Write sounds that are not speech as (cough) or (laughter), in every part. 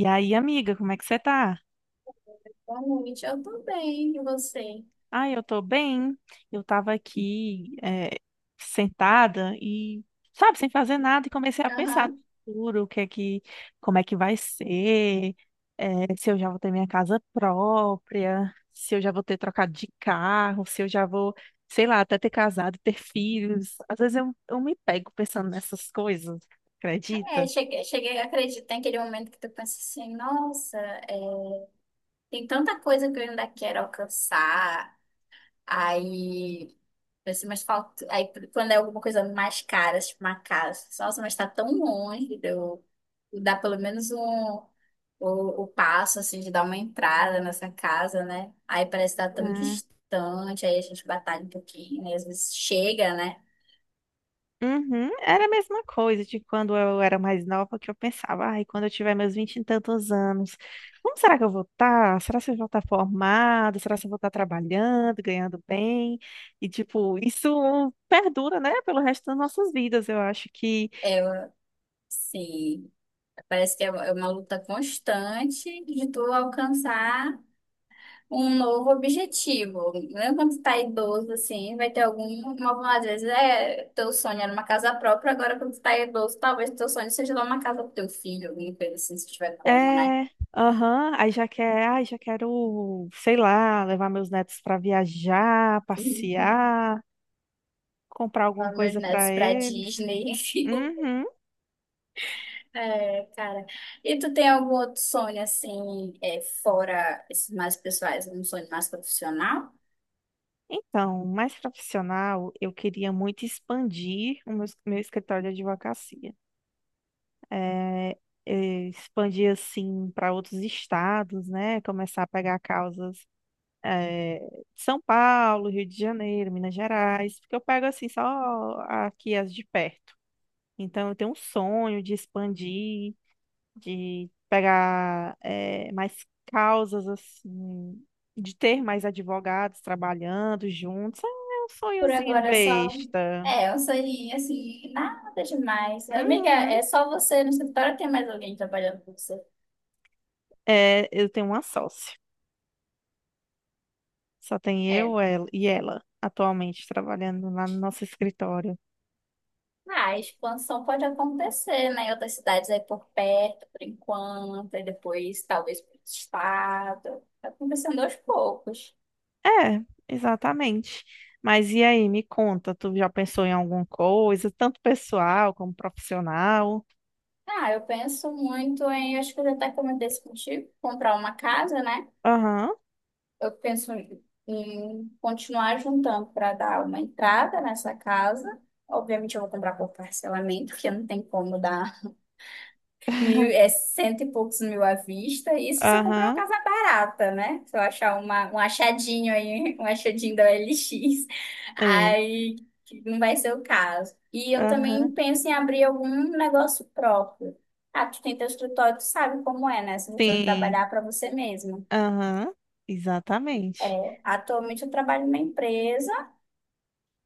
E aí, amiga, como é que você tá? Boa noite, eu tô bem, e você? Ah, eu tô bem. Eu tava aqui, sentada e, sabe, sem fazer nada e comecei a pensar no Aham. futuro, o que é que, como é que vai ser, se eu já vou ter minha casa própria, se eu já vou ter trocado de carro, se eu já vou, sei lá, até ter casado, ter filhos. Às vezes eu me pego pensando nessas coisas, É, acredita? cheguei, cheguei, acredito, tem aquele momento que tu pensa assim, nossa, é, tem tanta coisa que eu ainda quero alcançar, aí, pensa, mas falta, aí quando é alguma coisa mais cara, tipo uma casa, nossa, mas tá tão longe, de eu dar pelo menos o passo, assim, de dar uma entrada nessa casa, né? Aí parece que tá tão distante, aí a gente batalha um pouquinho, né? Às vezes chega, né? Uhum, era a mesma coisa de quando eu era mais nova, que eu pensava, ai, quando eu tiver meus vinte e tantos anos, como será que eu vou estar? Será que eu vou estar formada? Será que eu vou estar trabalhando, ganhando bem? E, tipo, isso perdura, né, pelo resto das nossas vidas. Eu acho que É, sim. Parece que é uma luta constante de tu alcançar um novo objetivo. Mesmo quando tu tá idoso, assim, vai ter algumas às vezes é, teu sonho era uma casa própria, agora quando tu tá idoso, talvez teu sonho seja dar uma casa pro teu filho, alguma coisa assim, se tiver como, né? é, aham, aí já quer, ai, já quero, sei lá, levar meus netos para viajar, E passear, comprar alguma levar meus coisa para netos pra eles. Disney. (laughs) Uhum. É, cara. E tu tem algum outro sonho, assim, é, fora esses mais pessoais, um sonho mais profissional? Então, mais profissional, eu queria muito expandir o meu escritório de advocacia. É, Expandir, assim, para outros estados, né? Começar a pegar causas, é, de São Paulo, Rio de Janeiro, Minas Gerais, porque eu pego, assim, só aqui as de perto. Então, eu tenho um sonho de expandir, de pegar mais causas assim, de ter mais advogados trabalhando juntos. É um Por sonhozinho agora só. besta. É, um sonhinho assim, nada demais. Amiga, Uhum. é só você no escritório ou tem mais alguém trabalhando com você? É, eu tenho uma sócia. Só tem É. eu ela, e ela atualmente trabalhando lá no nosso escritório. Ah, a expansão pode acontecer, né? Em outras cidades aí por perto, por enquanto, e depois talvez para outro estado. Tá acontecendo aos poucos. É, exatamente. Mas e aí, me conta, tu já pensou em alguma coisa, tanto pessoal como profissional? Ah, eu penso muito em, acho que eu já até comentei isso contigo, comprar uma casa, né? Aham, Eu penso em continuar juntando para dar uma entrada nessa casa. Obviamente, eu vou comprar por parcelamento, porque não tem como dar mil, é cento e poucos mil à vista. Isso se eu comprar uma aham, casa barata, né? Se eu achar um achadinho aí, (laughs) um achadinho da OLX, é, aí que não vai ser o caso. E eu também aham, penso em abrir algum negócio próprio. Ah, tu tem teu escritório, tu sabe como é, né? Você precisa sim. trabalhar para você mesmo. Aham, exatamente. É, atualmente eu trabalho numa empresa.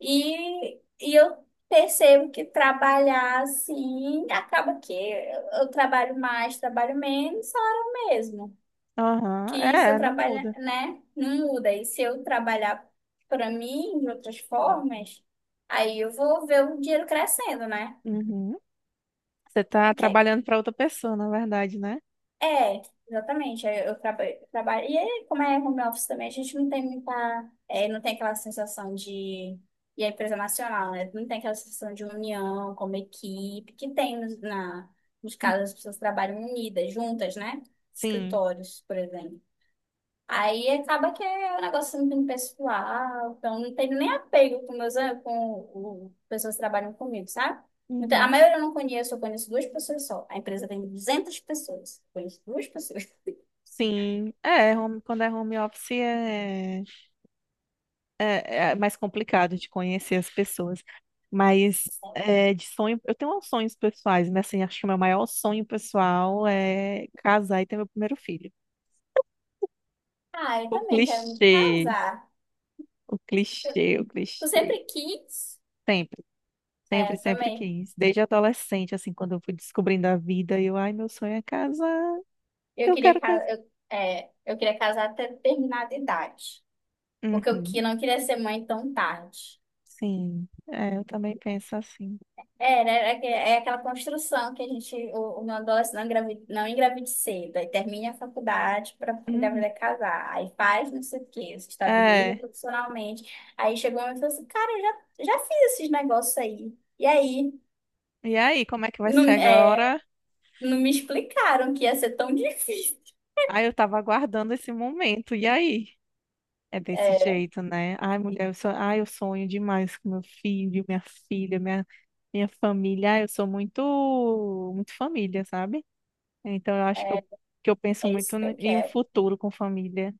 E eu percebo que trabalhar assim acaba que eu trabalho mais, trabalho menos, é hora mesmo. Aham, Que se eu é, não trabalhar, muda. né, não muda. E se eu trabalhar para mim de outras formas, aí eu vou ver o dinheiro crescendo, né? Uhum. Você tá Que, é trabalhando para outra pessoa, na verdade, né? É, exatamente. Trabalho. E aí, como é home office também, a gente não tem muita. É, não tem aquela sensação de. E a empresa nacional, né? Não tem aquela sensação de união como equipe, que tem nos casos as pessoas trabalham unidas, juntas, né? Sim. Escritórios, por exemplo. Aí acaba que é um negócio assim, muito pessoal, então não tenho nem apego com meus am- com o- pessoas que trabalham comigo, sabe? Então, a Uhum. maioria eu não conheço, eu conheço duas pessoas só. A empresa tem 200 pessoas, eu conheço duas pessoas. (laughs) Sim, é, home- quando é home office é, mais complicado de conhecer as pessoas. Mas é, de sonho, eu tenho uns sonhos pessoais, mas assim, acho que o meu maior sonho pessoal é casar e ter meu primeiro filho. Ah, eu O também quero me clichê, casar. o Eu, clichê, o eu clichê. sempre quis, sempre é, Sempre, sempre também. quis. Desde adolescente, assim, quando eu fui descobrindo a vida, eu, ai, meu sonho é casar, Eu eu queria, quero casar. ca- eu, é, eu queria casar até determinada idade, porque Uhum. Não queria ser mãe tão tarde. Sim, é, eu também penso assim. É, né? É aquela construção que a gente, o meu adolescente não engravida, não engravide cedo, aí termina a faculdade para Uhum. engravidar e casar, aí faz não sei o quê, se estabiliza É, profissionalmente, aí chegou uma e falou assim, cara, eu já fiz esses negócios aí, e aí? e aí, como é que vai Não, ser agora? não me explicaram que ia ser tão (laughs) difícil. Ai, eu tava aguardando esse momento, e aí? É desse É, jeito, né? Ai, mulher, eu sou... ai, eu sonho demais com meu filho, minha filha, minha família. Ai, eu sou muito, muito família, sabe? Então, eu acho é, que eu penso é muito isso que eu em um quero. futuro com família.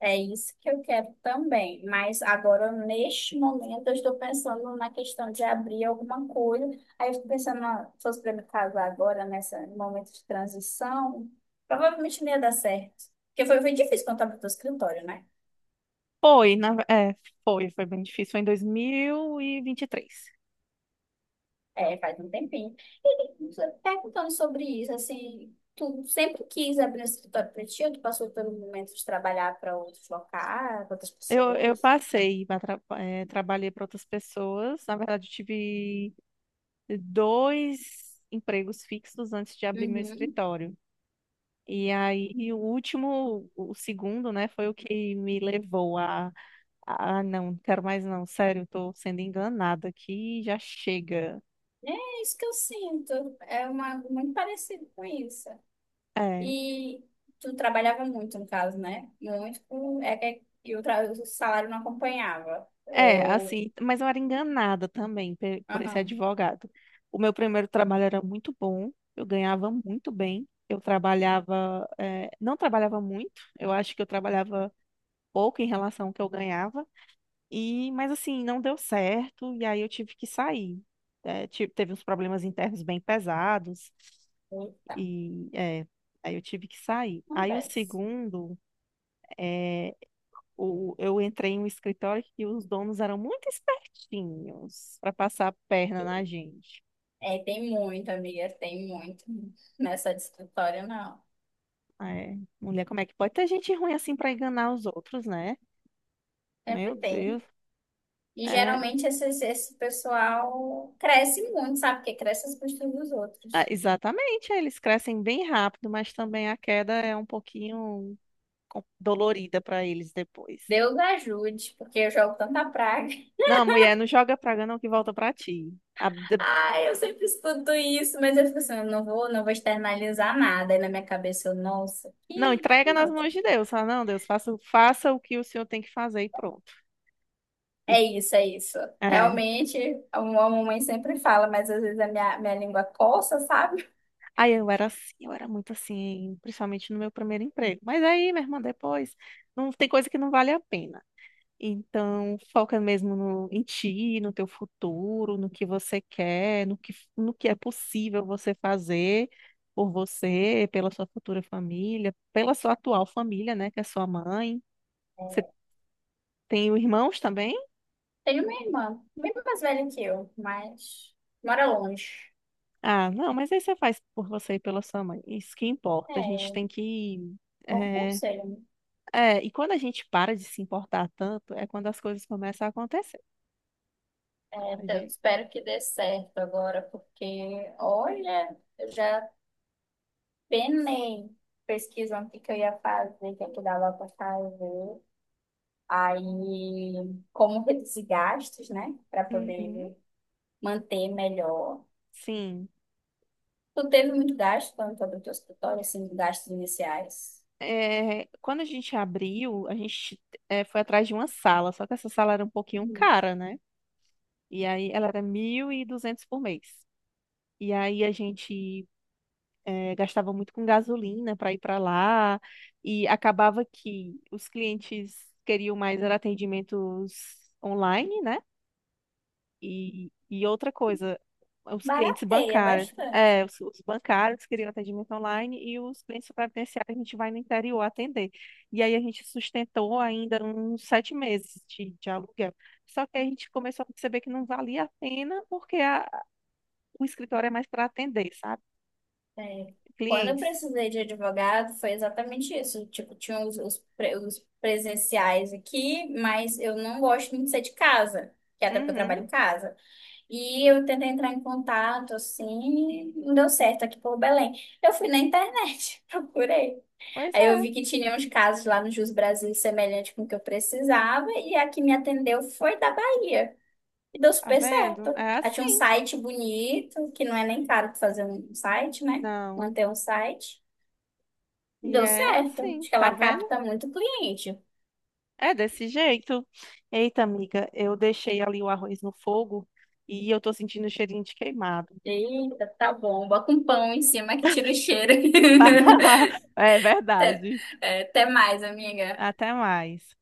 É isso que eu quero também, mas agora neste momento eu estou pensando na questão de abrir alguma coisa. Aí eu estou pensando, ah, se fosse para me casar agora, nesse momento de transição, provavelmente não ia dar certo. Porque foi difícil quando eu abri o escritório, né? Foi, na, é, foi bem difícil. Foi em dois mil e vinte e três. É, faz um tempinho. E você perguntando sobre isso, assim, tu sempre quis abrir um escritório para ti ou tu passou pelo momento de trabalhar para outros locais, para outras Eu pessoas? passei, trabalhei para outras pessoas. Na verdade, eu tive dois empregos fixos antes de abrir meu Uhum. escritório. E aí, e o último, o segundo, né, foi o que me levou a "Ah, não, não quero mais não, sério, estou sendo enganada aqui, já chega." É isso que eu sinto. É muito parecido com isso. É, E tu trabalhava muito, no caso, né? Muito. É que o salário não acompanhava. É, Ou. assim, mas eu era enganada também por esse Aham. advogado. O meu primeiro trabalho era muito bom, eu ganhava muito bem, eu trabalhava, não trabalhava muito, eu acho que eu trabalhava pouco em relação ao que eu ganhava, e, mas assim, não deu certo, e aí eu tive que sair. É, teve uns problemas internos bem pesados, Eita, e é, aí eu tive que sair. Aí o acontece. segundo, eh, eu entrei em um escritório que os donos eram muito espertinhos para passar a perna na gente. É, tem muito, amiga, tem muito. Nessa de escritório, não. Ah, é, mulher, como é que pode ter gente ruim assim para enganar os outros, né? Sempre Meu Deus. tem. E É, geralmente esse pessoal cresce muito, sabe? Porque cresce as custas dos ah, outros. exatamente, eles crescem bem rápido, mas também a queda é um pouquinho dolorida para eles depois. Deus ajude, porque eu jogo tanta praga. Não, mulher, não joga praga não que volta para ti. Ai, eu sempre escuto isso, mas eu fico assim, eu não vou externalizar nada. Aí na minha cabeça eu, nossa, Não, que entrega nas mãos maldito. de Deus. Ah, não, Deus, faça, faça o que o senhor tem que fazer e pronto. E, É isso, é isso. é. Realmente, a mamãe sempre fala, mas às vezes a minha língua coça, sabe? Aí eu era assim, eu era muito assim, principalmente no meu primeiro emprego. Mas aí, minha irmã, depois, não tem coisa que não vale a pena. Então, foca mesmo em ti, no teu futuro, no que você quer, no que é possível você fazer por você, pela sua futura família, pela sua atual família, né, que é sua mãe. Você tem irmãos também? (laughs) Tenho uma irmã, bem mais velha que eu, mas mora longe. Ah, não, mas aí você faz por você e pela sua mãe. Isso que importa. A gente É, tem que bom eh, conselho, né? é, e quando a gente para de se importar tanto, é quando as coisas começam a acontecer. É, A então, eu gente... espero que dê certo agora, porque, olha, eu já penei pesquisando o que que eu ia fazer, o que é que dava para fazer. Aí, como reduzir gastos, né? Para Uhum, poder manter melhor. sim. Tu teve muito gasto quando tu abriu teu escritório, assim, de gastos iniciais? É, quando a gente abriu, a gente foi atrás de uma sala, só que essa sala era um pouquinho Uhum. cara, né? E aí ela era 1.200 por mês. E aí a gente gastava muito com gasolina para ir para lá, e acabava que os clientes queriam mais era atendimentos online, né? E outra coisa, os clientes Barateia bancários. bastante. É, os bancários queriam atendimento online e os clientes previdenciários a gente vai no interior atender. E aí a gente sustentou ainda uns 7 meses de aluguel. Só que aí a gente começou a perceber que não valia a pena porque o escritório é mais para atender, sabe? É. Quando eu Clientes. precisei de advogado, foi exatamente isso. Tipo, tinha os presenciais aqui, mas eu não gosto muito de ser de casa, que é até porque eu Uhum. trabalho em casa. E eu tentei entrar em contato, assim, e não deu certo aqui por Belém. Eu fui na internet, (laughs) procurei. Pois Aí eu é, vi que tinha uns casos lá no Jus Brasil semelhante com o que eu precisava, e a que me atendeu foi da Bahia. E deu tá super vendo? certo. É Ela tinha um assim. site bonito, que não é nem caro pra fazer um site, né? Não. Manter um site. E Deu é certo. assim, Acho que tá ela vendo? capta muito cliente. É desse jeito. Eita, amiga, eu deixei ali o arroz no fogo e eu tô sentindo o cheirinho de queimado. Eita, tá bom. Bota um pão em cima que tira o cheiro. (laughs) (laughs) É verdade. É, até mais, amiga. Até mais.